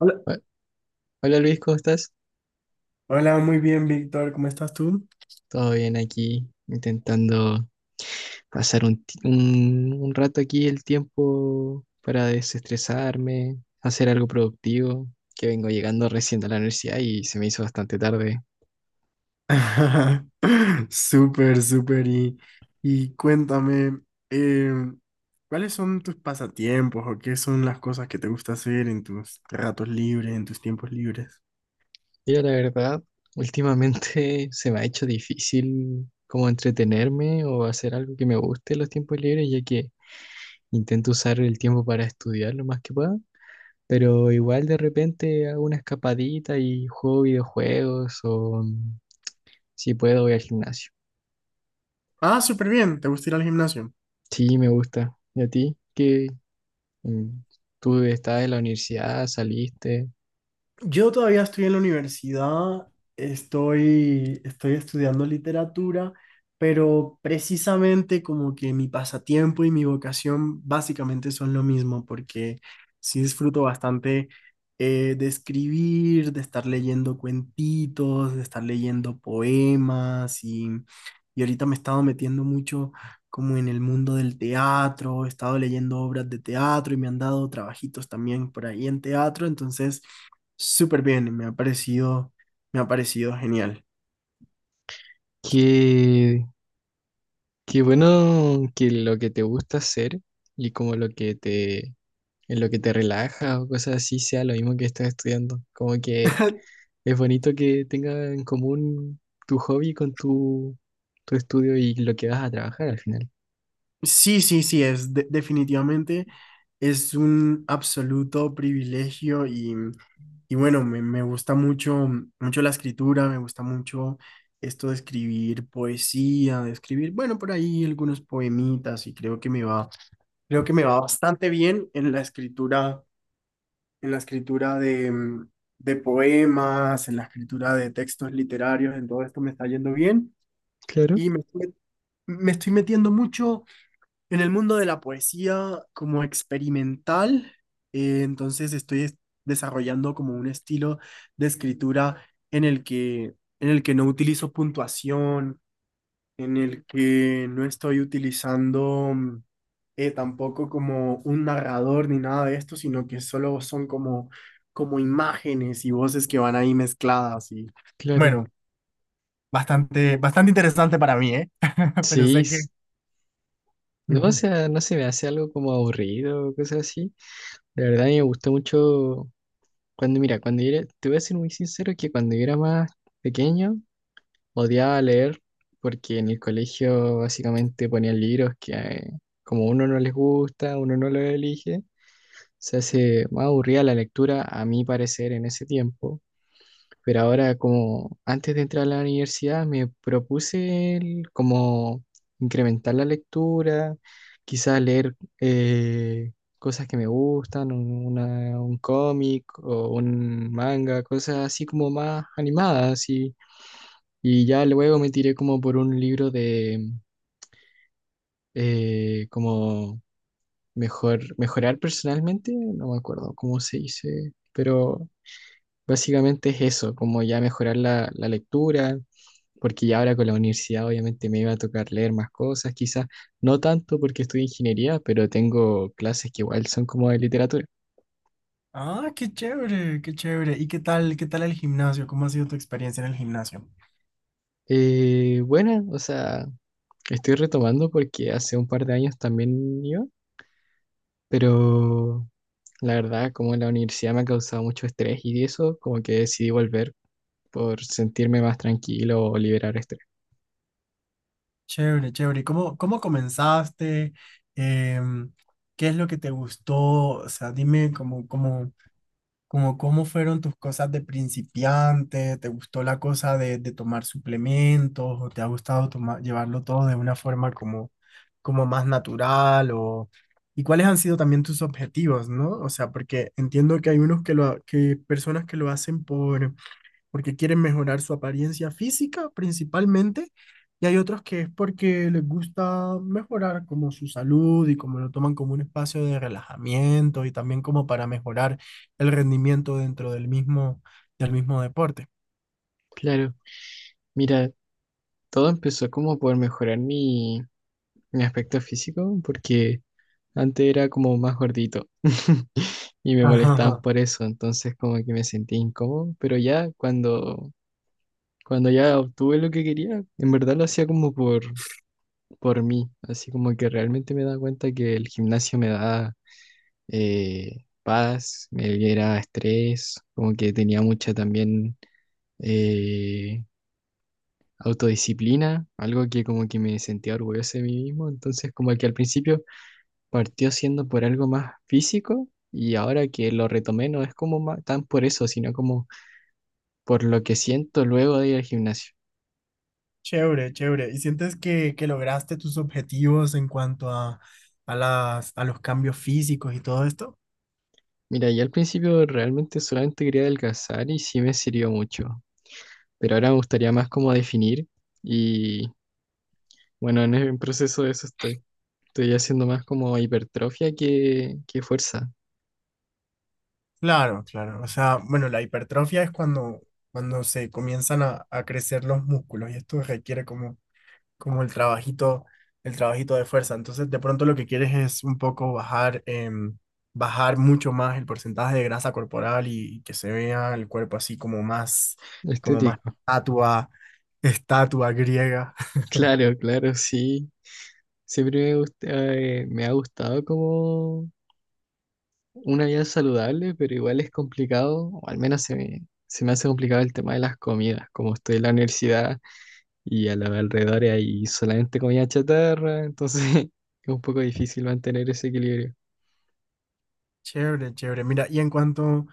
Hola. Ho- Hola Luis, ¿cómo estás? Hola, muy bien, Víctor. ¿Cómo estás tú? Todo bien aquí, intentando pasar un rato aquí el tiempo para desestresarme, hacer algo productivo, que vengo llegando recién a la universidad y se me hizo bastante tarde. Súper, súper. Y cuéntame, em, ¿cuáles son tus pasatiempos o qué son las cosas que te gusta hacer en tus ratos libres, en tus tiempos libres? Y la verdad, últimamente se me ha hecho difícil como entretenerme o hacer algo que me guste en los tiempos libres, ya que intento usar el tiempo para estudiar lo más que pueda. Pero igual de repente hago una escapadita y juego videojuegos o si puedo, voy al gimnasio. Ah, súper bien. ¿Te gusta ir al gimnasio? Sí, me gusta. ¿Y a ti? ¿Qué? mm, ¿Tú estás en la universidad? ¿Saliste? Yo todavía estoy en la universidad, estoy estudiando literatura, pero precisamente como que mi pasatiempo y mi vocación básicamente son lo mismo, porque sí disfruto bastante de escribir, de estar leyendo cuentitos, de estar leyendo poemas y ahorita me he estado metiendo mucho como en el mundo del teatro, he estado leyendo obras de teatro y me han dado trabajitos también por ahí en teatro, entonces súper bien, me ha parecido genial. Qué, qué bueno que lo que te gusta hacer y como lo que te, en lo que te relaja o cosas así sea lo mismo que estás estudiando. Como que es bonito que tenga en común tu hobby con tu, tu estudio y lo que vas a trabajar al final. Sí, sí, sí, es definitivamente es un absoluto privilegio y bueno, me gusta mucho, mucho la escritura, me gusta mucho esto de escribir poesía, de escribir, bueno, por ahí algunos poemitas y creo que me va, creo que me va bastante bien en la escritura de, de poemas, en la escritura de textos literarios, en todo esto me está yendo bien. Claro, Y me, estoy Me estoy metiendo mucho en el mundo de la poesía como experimental, entonces desarrollando como un estilo de escritura en el que, en el que no utilizo puntuación, en el que no estoy utilizando tampoco como un narrador ni nada de esto, sino que solo son como, como imágenes y voces que van ahí mezcladas y claro. bueno, bastante, bastante interesante para mí, ¿eh? Pero Sí, sé que… s- no, o sea, no se me hace algo como aburrido o cosas así. De verdad, a mí me gustó mucho cuando, mira, cuando yo era, te voy a ser muy sincero que cuando yo era más pequeño odiaba leer porque en el colegio básicamente ponían libros que como uno no les gusta, uno no los elige, se hace más aburrida la lectura a mi parecer en ese tiempo. Pero ahora, como antes de entrar a la universidad, como incrementar la lectura, quizás leer cosas que me gustan, un cómic o un manga, cosas así como más animadas. Y ya luego me tiré como por un libro de como mejorar personalmente, no me acuerdo cómo se dice, pero básicamente es eso, como ya mejorar la lectura porque ya ahora con la universidad obviamente me iba a tocar leer más cosas, quizás no tanto porque estudio ingeniería, pero tengo clases que igual son como de literatura. Ah, qué chévere, qué chévere. ¿Y qué tal el gimnasio? ¿Cómo ha sido tu experiencia en el gimnasio? Bueno, o sea, estoy retomando porque hace un par de años también iba, pero la verdad como la universidad me ha causado mucho estrés y eso, como que decidí volver por sentirme más tranquilo o liberar estrés. Chévere, chévere. ¿Y cómo, cómo comenzaste? Em, ¿Qué es lo que te gustó? O sea, dime cómo, cómo, cómo, cómo fueron tus cosas de principiante. ¿Te gustó la cosa de tomar suplementos? ¿O te ha gustado tomar, llevarlo todo de una forma como, como más natural? O, ¿y cuáles han sido también tus objetivos, no? O sea, porque entiendo que hay unos que lo, que personas que lo hacen por porque quieren mejorar su apariencia física principalmente, y hay otros que es porque les gusta mejorar como su salud y como lo toman como un espacio de relajamiento y también como para mejorar el rendimiento dentro del mismo deporte. Claro, mira, todo empezó como por mejorar mi aspecto físico, porque antes era como más gordito. Y me Ajá, molestaban ajá. por eso, entonces como que me sentía incómodo, pero ya cuando, cuando ya obtuve lo que quería, en verdad lo hacía como por mí, así como que realmente me daba cuenta que el gimnasio me daba paz, me libera estrés, como que tenía mucha también eh, autodisciplina, algo que como que me sentía orgulloso de mí mismo, entonces como que al principio partió siendo por algo más físico. Y ahora que lo retomé, no es como tan por eso, sino como por lo que siento luego de ir al gimnasio. Chévere, chévere. ¿Y sientes que lograste tus objetivos en cuanto a las, a los cambios físicos y todo esto? Mira, yo al principio realmente solamente quería adelgazar y sí me sirvió mucho, pero ahora me gustaría más como definir y bueno, en el proceso de eso estoy. Estoy haciendo más como hipertrofia que fuerza Claro, claro. O sea, bueno, la hipertrofia es cuando, cuando se comienzan a crecer los músculos y esto requiere como, como el trabajito de fuerza. Entonces, de pronto lo que quieres es un poco bajar, bajar mucho más el porcentaje de grasa corporal y que se vea el cuerpo así como más estético. estatua, estatua griega. Claro, claro, sí. Siempre me ha gustado como una vida saludable, pero igual es complicado, o al menos se me hace complicado el tema de las comidas, como estoy en la universidad. Y a los alrededores hay solamente comida chatarra, entonces es un poco difícil mantener ese equilibrio. Chévere, chévere. Mira, y en cuanto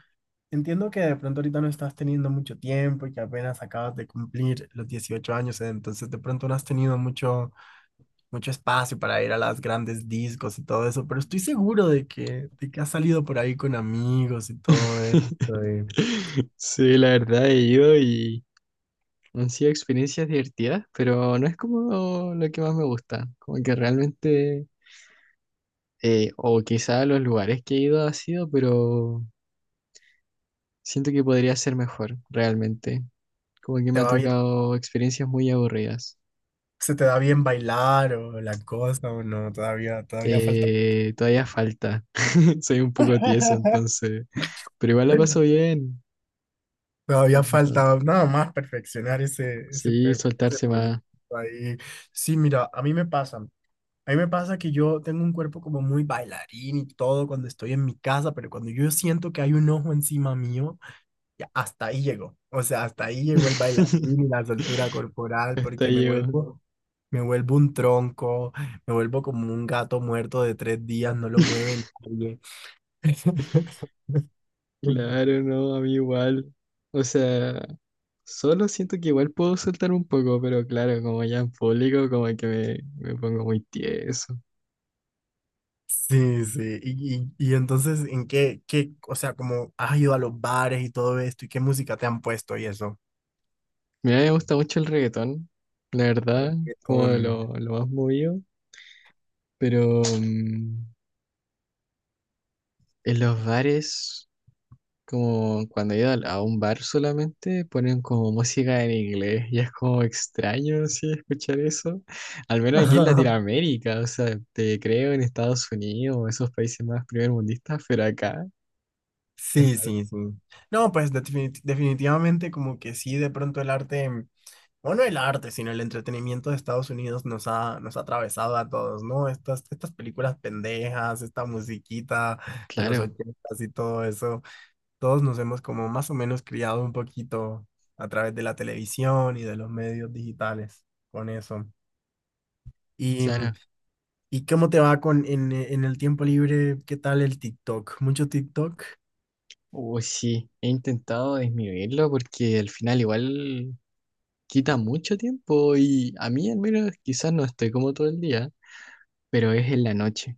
entiendo que de pronto ahorita no estás teniendo mucho tiempo y que apenas acabas de cumplir los 18 años, entonces de pronto no has tenido mucho, mucho espacio para ir a las grandes discos y todo eso, pero estoy seguro de que has salido por ahí con amigos y todo esto, y Sí, la verdad he ido y han sido experiencias divertidas, pero no es como lo que más me gusta, como que realmente, o quizá los lugares que he ido ha sido, pero siento que podría ser mejor, realmente, como que me te ha va bien, tocado experiencias muy aburridas. se te da bien bailar o la cosa o no, todavía, todavía falta. Todavía falta, soy un poco tieso, entonces... Pero igual la pasó bien. Lo Todavía importante. falta nada más perfeccionar ese, ese, Sí, ese soltarse proyecto más. ahí. Sí, mira, a mí me pasa. A mí me pasa que yo tengo un cuerpo como muy bailarín y todo cuando estoy en mi casa, pero cuando yo siento que hay un ojo encima mío, ya hasta ahí llegó. O sea, hasta ahí llegó el bailarín y la soltura corporal Hasta porque yo. Me vuelvo un tronco, me vuelvo como un gato muerto de tres días, no lo mueve nadie. Claro, no, a mí igual. O sea, solo siento que igual puedo soltar un poco, pero claro, como ya en público, como que me pongo muy tieso. Sí, sí. Y entonces, ¿en qué, qué, o sea, como has ido a los bares y todo esto y qué música te han puesto y eso? Mira, me gusta mucho el reggaetón, la verdad, como de Reggaetón. Lo más movido, pero en los bares. Como cuando he ido a un bar solamente ponen como música en inglés y es como extraño, sí, escuchar eso. Al menos aquí en Latinoamérica, o sea, te creo en Estados Unidos o esos países más primermundistas, pero acá es Sí, raro. sí, sí. No, pues definitivamente como que sí, de pronto el arte, o no el arte, sino el entretenimiento de Estados Unidos nos ha atravesado a todos, ¿no? Estas, estas películas pendejas, esta musiquita de los Claro, 80 y todo eso, todos nos hemos como más o menos criado un poquito a través de la televisión y de los medios digitales con eso. ¿Y, claro. y cómo te va con en el tiempo libre? ¿Qué tal el TikTok? ¿Mucho TikTok? Uy, sí, he intentado disminuirlo porque al final igual quita mucho tiempo y a mí al menos quizás no estoy como todo el día, pero es en la noche.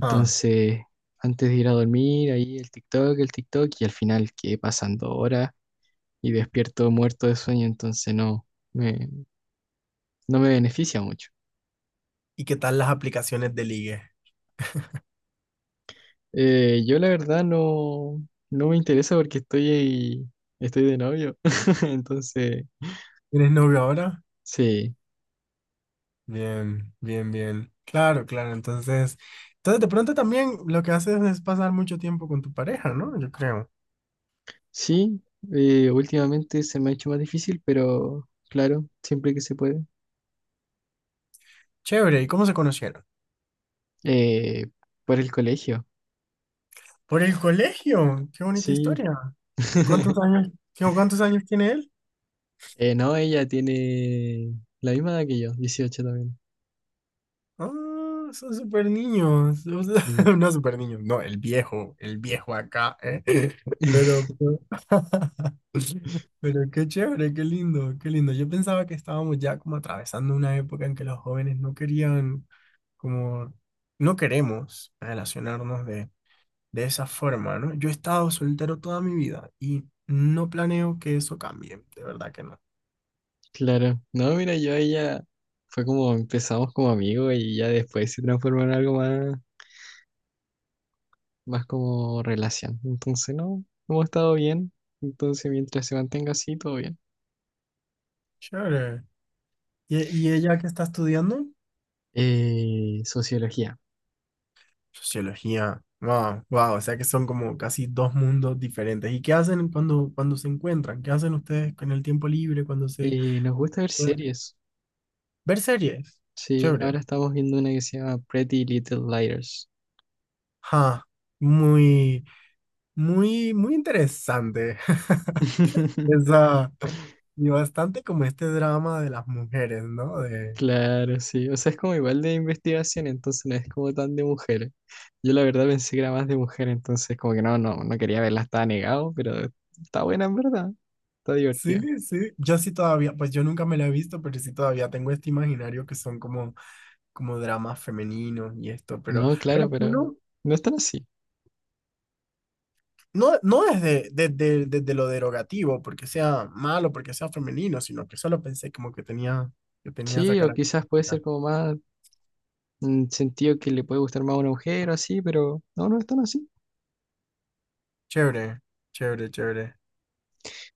Ah. antes de ir a dormir, ahí el TikTok, y al final quedé pasando horas y despierto muerto de sueño, entonces me, no me beneficia mucho. ¿Y qué tal las aplicaciones de ligue? Yo la verdad no me interesa porque estoy de novio. Entonces, ¿Tienes novio ahora? sí, Bien, bien, bien. Claro, claro. Entonces, entonces de pronto también lo que haces es pasar mucho tiempo con tu pareja, ¿no? Yo creo. sí, últimamente se me ha hecho más difícil, pero claro, siempre que se puede. Chévere. ¿Y cómo se conocieron? Eh, por el colegio, Por el colegio. Qué bonita sí. historia. ¿Cuántos años, cuántos años tiene él? No, ella tiene la misma edad que yo, 18 también. Ah, son super niños. O sea, Sí. no super niños, no, el viejo acá, ¿eh? Pero pero qué chévere, qué lindo, qué lindo. Yo pensaba que estábamos ya como atravesando una época en que los jóvenes no querían, como, no queremos relacionarnos de esa forma, ¿no? Yo he estado soltero toda mi vida y no planeo que eso cambie, de verdad que no. Claro. No, mira, yo a ella fue como empezamos como amigos y ya después se transformó en algo más, más como relación. Entonces, no, hemos estado bien. Entonces, mientras se mantenga así, todo bien. Chévere. ¿Y, y ella que está estudiando? Sociología. Sociología. Wow, wow. O sea que son como casi dos mundos diferentes. ¿Y qué hacen cuando, cuando se encuentran? ¿Qué hacen ustedes con el tiempo libre cuando se Nos gusta ver pueden series. ver series? Sí, ahora Chévere. estamos viendo una que se llama Pretty Little Liars. Ja, muy, muy, muy interesante. Esa, y bastante como este drama de las mujeres, ¿no? De, Claro, sí. O sea, es como igual de investigación, entonces no es como tan de mujeres. Yo la verdad pensé que era más de mujer, entonces como que no, no, no quería verla, estaba negado, pero está buena en verdad, está divertida. sí, sí. Yo sí todavía, pues yo nunca me la he visto, pero sí todavía tengo este imaginario que son como, como dramas femeninos y esto, No, claro, pero pero no. no es tan así. No, no desde, desde, desde lo derogativo, porque sea malo, porque sea femenino, sino que solo pensé como que tenía esa Sí, o quizás puede característica. ser como más sentido que le puede gustar más a una mujer o así, pero no, no es tan así. Chévere, chévere, chévere.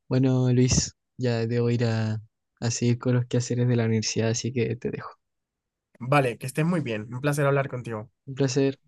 Bueno, Luis, ya debo ir a seguir con los quehaceres de la universidad, así que te dejo. Vale, que estés muy bien. Un placer hablar contigo. Un placer.